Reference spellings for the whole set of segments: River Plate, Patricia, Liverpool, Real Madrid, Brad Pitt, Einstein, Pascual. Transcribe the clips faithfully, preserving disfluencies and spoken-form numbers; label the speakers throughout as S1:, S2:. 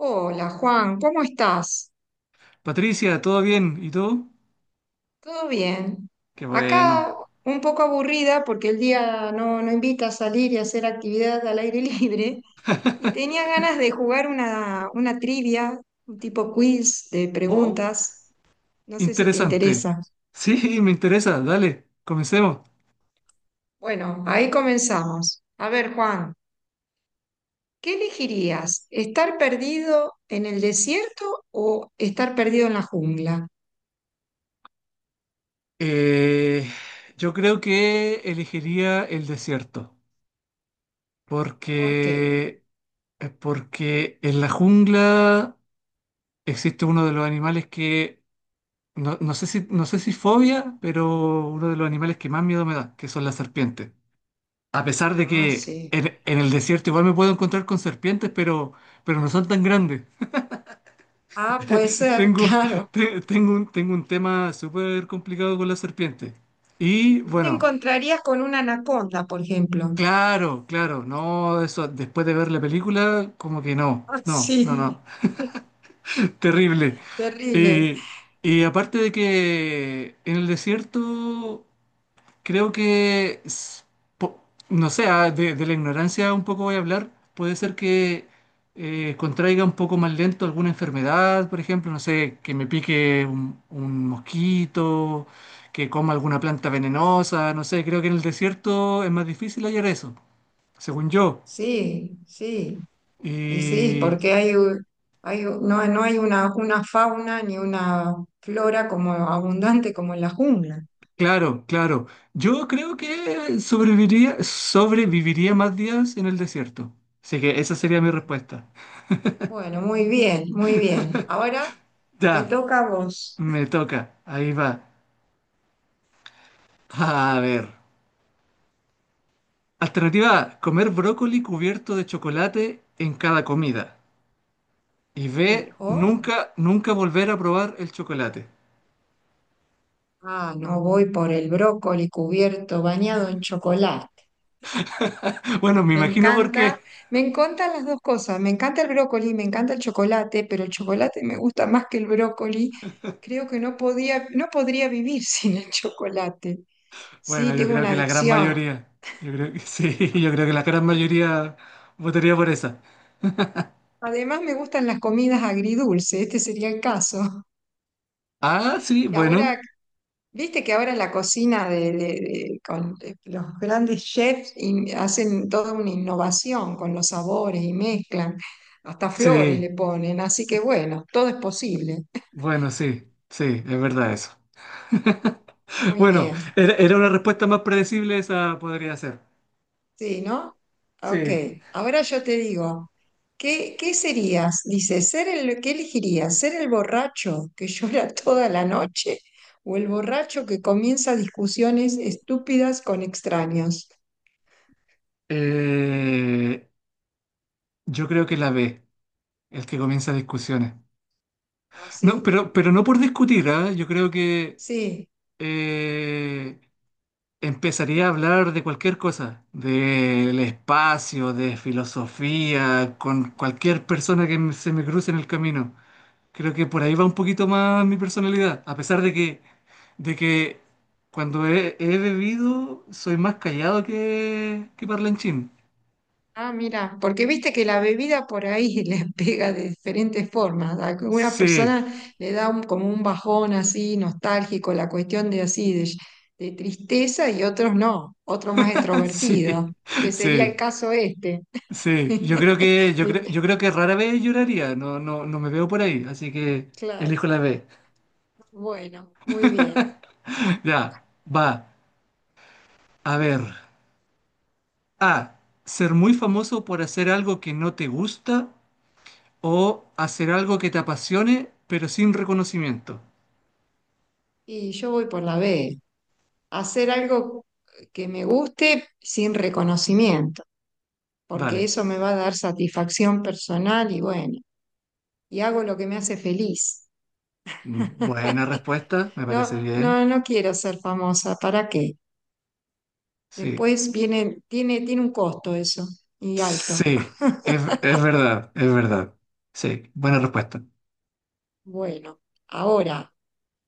S1: Hola Juan, ¿cómo estás?
S2: Patricia, ¿todo bien? ¿Y tú?
S1: ¿Todo bien?
S2: Qué bueno.
S1: Acá un poco aburrida porque el día no, no invita a salir y hacer actividad al aire libre y tenía ganas de jugar una, una trivia, un tipo quiz de
S2: Oh,
S1: preguntas. No sé si te
S2: interesante.
S1: interesa.
S2: Sí, me interesa. Dale, comencemos.
S1: Bueno, ahí comenzamos. A ver Juan, ¿qué elegirías? ¿Estar perdido en el desierto o estar perdido en la jungla?
S2: Eh, yo creo que elegiría el desierto,
S1: ¿Por qué?
S2: porque, eh, porque en la jungla existe uno de los animales que, no, no sé si, no sé si fobia, pero uno de los animales que más miedo me da, que son las serpientes. A pesar de
S1: Ah,
S2: que
S1: sí.
S2: en, en el desierto igual me puedo encontrar con serpientes, pero, pero no son tan grandes.
S1: Ah, puede ser,
S2: Tengo,
S1: claro.
S2: te- tengo un, tengo un tema súper complicado con la serpiente. Y
S1: Te
S2: bueno,
S1: encontrarías con una anaconda, por ejemplo.
S2: claro, claro, no, eso después de ver la película, como que no,
S1: Ah,
S2: no, no,
S1: sí,
S2: no, terrible.
S1: terrible.
S2: Y, y aparte de que en el desierto creo que, s- po- no sé, ah, de, de la ignorancia un poco voy a hablar. Puede ser que eh, contraiga un poco más lento alguna enfermedad, por ejemplo, no sé, que me pique un, un mosquito, que coma alguna planta venenosa, no sé, creo que en el desierto es más difícil hallar eso, según yo.
S1: Sí, sí. Y sí,
S2: Y
S1: porque hay, u- hay u- no, no hay una, una fauna ni una flora como abundante como en la jungla.
S2: claro, claro, yo creo que sobreviviría, sobreviviría más días en el desierto. Así que esa sería mi respuesta.
S1: Bueno, muy bien, muy bien. Ahora te
S2: Ya.
S1: toca a vos.
S2: Me toca, ahí va. A ver. Alternativa A, comer brócoli cubierto de chocolate en cada comida. Y
S1: Sí,
S2: B,
S1: o-
S2: nunca, nunca volver a probar el chocolate.
S1: ah, no voy por el brócoli cubierto, bañado en chocolate.
S2: Bueno, me
S1: Me
S2: imagino por qué.
S1: encanta, me encantan las dos cosas. Me encanta el brócoli, me encanta el chocolate, pero el chocolate me gusta más que el brócoli. Creo que no podía, no podría vivir sin el chocolate.
S2: Bueno,
S1: Sí,
S2: yo
S1: tengo
S2: creo
S1: una
S2: que la gran
S1: adicción.
S2: mayoría. Yo creo que sí, yo creo que la gran mayoría votaría por esa.
S1: Además, me gustan las comidas agridulces, este sería el caso.
S2: Ah, sí,
S1: Y
S2: bueno.
S1: ahora, viste que ahora en la cocina de, de- de- con de los grandes chefs in- hacen toda una innovación con los sabores y mezclan, hasta flores
S2: Sí,
S1: le ponen, así que bueno, todo es posible.
S2: bueno, sí, sí, es verdad eso.
S1: Muy
S2: Bueno,
S1: bien.
S2: era, era una respuesta más predecible, esa podría ser.
S1: Sí, ¿no? Ok.
S2: Sí.
S1: Ahora yo te digo, ¿qué, qué serías? Dice, ser el, ¿qué elegirías? ¿Ser el borracho que llora toda la noche o el borracho que comienza discusiones estúpidas con extraños?
S2: Eh, Yo creo que la B, el que comienza discusiones. No,
S1: ¿Así?
S2: pero, pero no por discutir, ¿ah? Yo creo que
S1: Sí, sí.
S2: eh, empezaría a hablar de cualquier cosa, del espacio, de filosofía, con cualquier persona que me- se me cruce en el camino. Creo que por ahí va un poquito más mi personalidad, a pesar de que, de que cuando he, he bebido soy más callado que, que parlanchín.
S1: Ah, mira, porque viste que la bebida por ahí le pega de diferentes formas. A alguna
S2: Sí,
S1: persona le da un- como un bajón así nostálgico, la cuestión de así, de, de tristeza, y otros no, otro más
S2: sí,
S1: extrovertido, que sería el
S2: sí.
S1: caso este.
S2: Sí, yo creo que, yo creo, yo creo que rara vez lloraría, no, no, no me veo por ahí, así que
S1: Claro,
S2: elijo la B.
S1: bueno, muy bien.
S2: Ya, va, a ver. A, ser muy famoso por hacer algo que no te gusta o hacer algo que te apasione, pero sin reconocimiento.
S1: Y yo voy por la B, hacer algo que me guste sin reconocimiento, porque
S2: Dale.
S1: eso me va a dar satisfacción personal y bueno, y hago lo que me hace feliz.
S2: Mm, buena respuesta, me parece
S1: No,
S2: bien.
S1: no, no quiero ser famosa, ¿para qué?
S2: Sí.
S1: Después viene, tiene, tiene un costo eso, y alto.
S2: Sí, es, es verdad, es verdad. Sí, buena respuesta.
S1: Bueno, ahora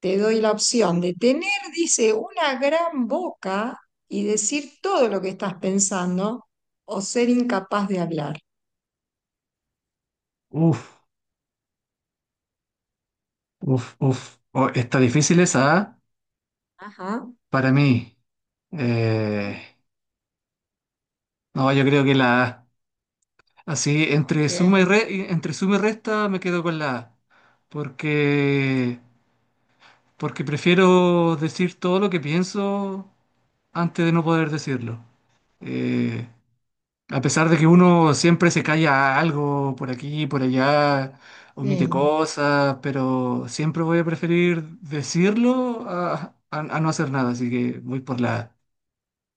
S1: te doy la opción de tener, dice, una gran boca y decir todo lo que estás pensando o ser incapaz de hablar.
S2: Uf, uf, uf. Oh, está difícil esa, ¿ah?
S1: Ajá,
S2: Para mí, eh, no, yo creo que la, así, entre
S1: ok,
S2: suma y re- entre suma y resta me quedo con la A, porque, porque prefiero decir todo lo que pienso antes de no poder decirlo. Eh, a pesar de que uno siempre se calla algo por aquí, por allá, omite
S1: sí.
S2: cosas, pero siempre voy a preferir decirlo a, a- a no hacer nada, así que voy por la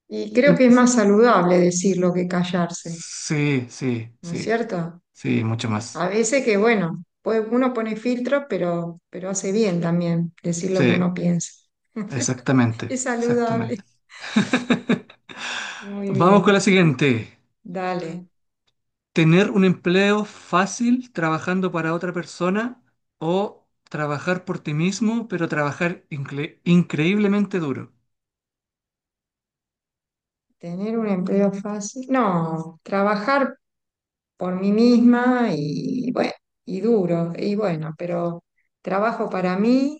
S1: Y creo
S2: A.
S1: que es más saludable decirlo que callarse,
S2: Sí, sí,
S1: ¿no es
S2: sí,
S1: cierto?
S2: sí, mucho más.
S1: A veces que, bueno, pues uno pone filtros, pero, pero hace bien también decir lo que
S2: Sí,
S1: uno piensa.
S2: exactamente,
S1: Es
S2: exactamente.
S1: saludable. Muy
S2: Vamos con
S1: bien,
S2: la siguiente.
S1: dale.
S2: ¿Tener un empleo fácil trabajando para otra persona o trabajar por ti mismo, pero trabajar incre- increíblemente duro?
S1: Tener un empleo fácil. No, trabajar por mí misma y bueno, y duro, y bueno, pero trabajo para mí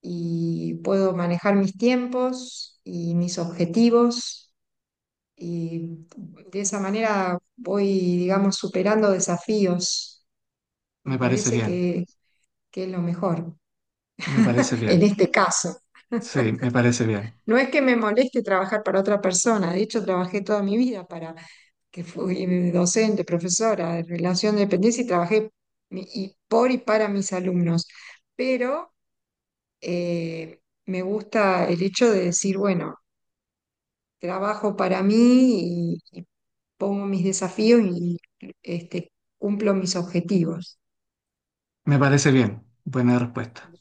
S1: y puedo manejar mis tiempos y mis objetivos y de esa manera voy, digamos, superando desafíos. Me
S2: Me parece
S1: parece
S2: bien,
S1: que que es lo mejor
S2: me parece
S1: en
S2: bien.
S1: este caso.
S2: Sí, me parece bien,
S1: No es que me moleste trabajar para otra persona, de hecho trabajé toda mi vida para que fui docente, profesora de relación de dependencia y trabajé mi- y por y para mis alumnos, pero eh, me gusta el hecho de decir, bueno, trabajo para mí y, y pongo mis desafíos y este, cumplo mis objetivos.
S2: me parece bien. Buena respuesta.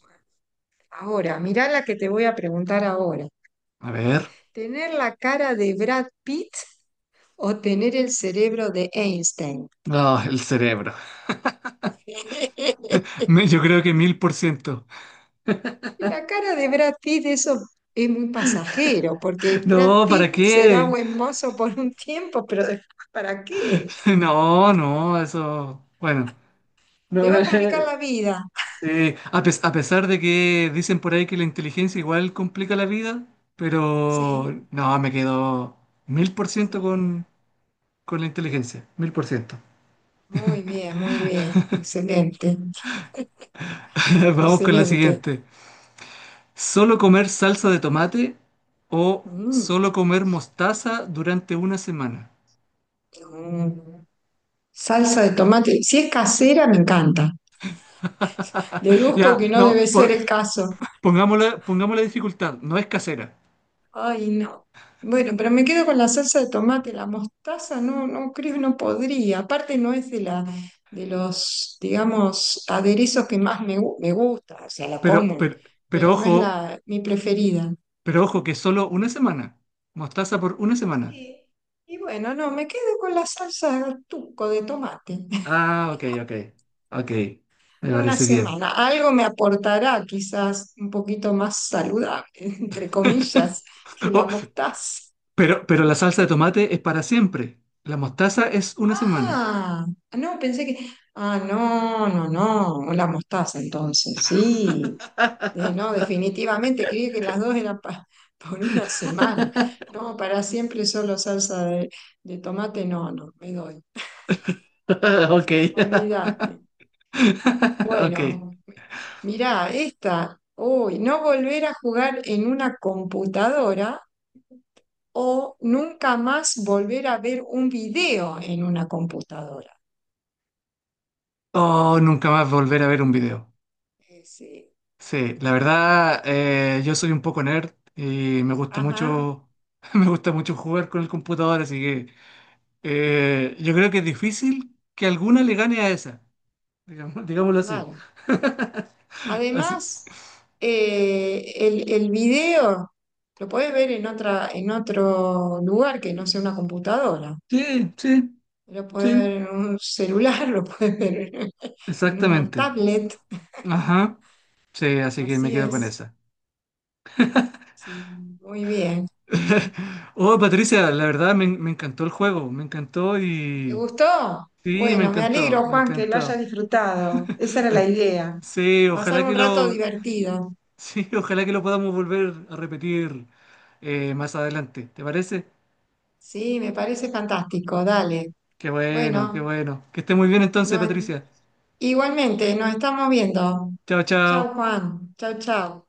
S1: Ahora, mirá la que te voy a preguntar ahora.
S2: A ver.
S1: ¿Tener la cara de Brad Pitt o tener el cerebro de Einstein?
S2: Ah, el cerebro. Me- Yo creo que mil por ciento.
S1: Y la cara de Brad Pitt, eso es muy pasajero, porque Brad
S2: No, ¿para
S1: Pitt será
S2: qué?
S1: buen mozo por un tiempo, pero después, ¿para qué?
S2: No, no, eso, bueno,
S1: Te
S2: no,
S1: va a complicar la vida.
S2: sí, a, pes- a pesar de que dicen por ahí que la inteligencia igual complica la vida,
S1: Sí,
S2: pero no, me quedo mil por ciento con,
S1: sí.
S2: con la inteligencia, mil por ciento.
S1: Muy bien, muy bien. Excelente,
S2: Vamos con la
S1: excelente.
S2: siguiente. ¿Solo comer salsa de tomate o
S1: Mm,
S2: solo comer mostaza durante una semana?
S1: mm. Salsa de tomate. Si es casera, me encanta. Deduzco que
S2: Ya,
S1: no
S2: no,
S1: debe
S2: po-
S1: ser el caso.
S2: pongámosle, pongamos la dificultad, no es casera,
S1: Ay, no. Bueno, pero me quedo con la salsa de tomate, la mostaza, no, no creo, no podría. Aparte no es de la, de los, digamos, aderezos que más me, gu- me gusta, o sea, la
S2: pero,
S1: como,
S2: pero, pero
S1: pero no es
S2: ojo.
S1: la, mi preferida.
S2: Pero ojo, que solo una semana. Mostaza por una semana.
S1: Y, y bueno, no, me quedo con la salsa tuco de tomate.
S2: Ah, ok, ok. Ok. Me
S1: Una
S2: parece bien.
S1: semana, algo me aportará quizás un poquito más saludable, entre comillas, que la
S2: Oh,
S1: mostaza.
S2: pero, pero la salsa de tomate es para siempre. La mostaza es una semana.
S1: Ah, no, pensé que. Ah, no, no, no, la mostaza entonces, sí. Eh, no, definitivamente, creí que las dos eran pa- por una semana. No, para siempre solo salsa de, de tomate, no, no, me doy.
S2: Ok.
S1: Olvídate.
S2: Ok.
S1: Bueno, mirá, esta. Uy, no volver a jugar en una computadora o nunca más volver a ver un video en una computadora.
S2: Oh, nunca más volver a ver un video.
S1: Eh, sí.
S2: Sí, la verdad, eh, yo soy un poco nerd y me gusta
S1: Ajá,
S2: mucho, me gusta mucho jugar con el computador, así que Eh, yo creo que es difícil que alguna le gane a esa, digamos- digámoslo así.
S1: claro.
S2: Así,
S1: Además, eh, el, el video lo podés ver en otra, en otro lugar que no sea una computadora.
S2: sí, sí,
S1: Lo podés ver
S2: sí,
S1: en un celular, lo podés ver en una
S2: exactamente.
S1: tablet.
S2: Ajá, sí, así que me
S1: Así
S2: quedo con
S1: es.
S2: esa.
S1: Sí, muy bien.
S2: Oh, Patricia, la verdad me, me encantó el juego, me encantó
S1: ¿Te
S2: y...
S1: gustó?
S2: Sí, me
S1: Bueno, me
S2: encantó,
S1: alegro,
S2: me
S1: Juan, que lo hayas
S2: encantó.
S1: disfrutado. Esa era
S2: Eh,
S1: la idea.
S2: Sí,
S1: Pasar
S2: ojalá que
S1: un rato
S2: lo...
S1: divertido.
S2: Sí, ojalá que lo podamos volver a repetir eh, más adelante, ¿te parece?
S1: Sí, me parece fantástico. Dale.
S2: Qué bueno, qué
S1: Bueno,
S2: bueno. Que esté muy bien
S1: no,
S2: entonces, Patricia.
S1: igualmente, nos estamos viendo.
S2: Chao,
S1: Chau,
S2: chao.
S1: Juan. Chau, chau.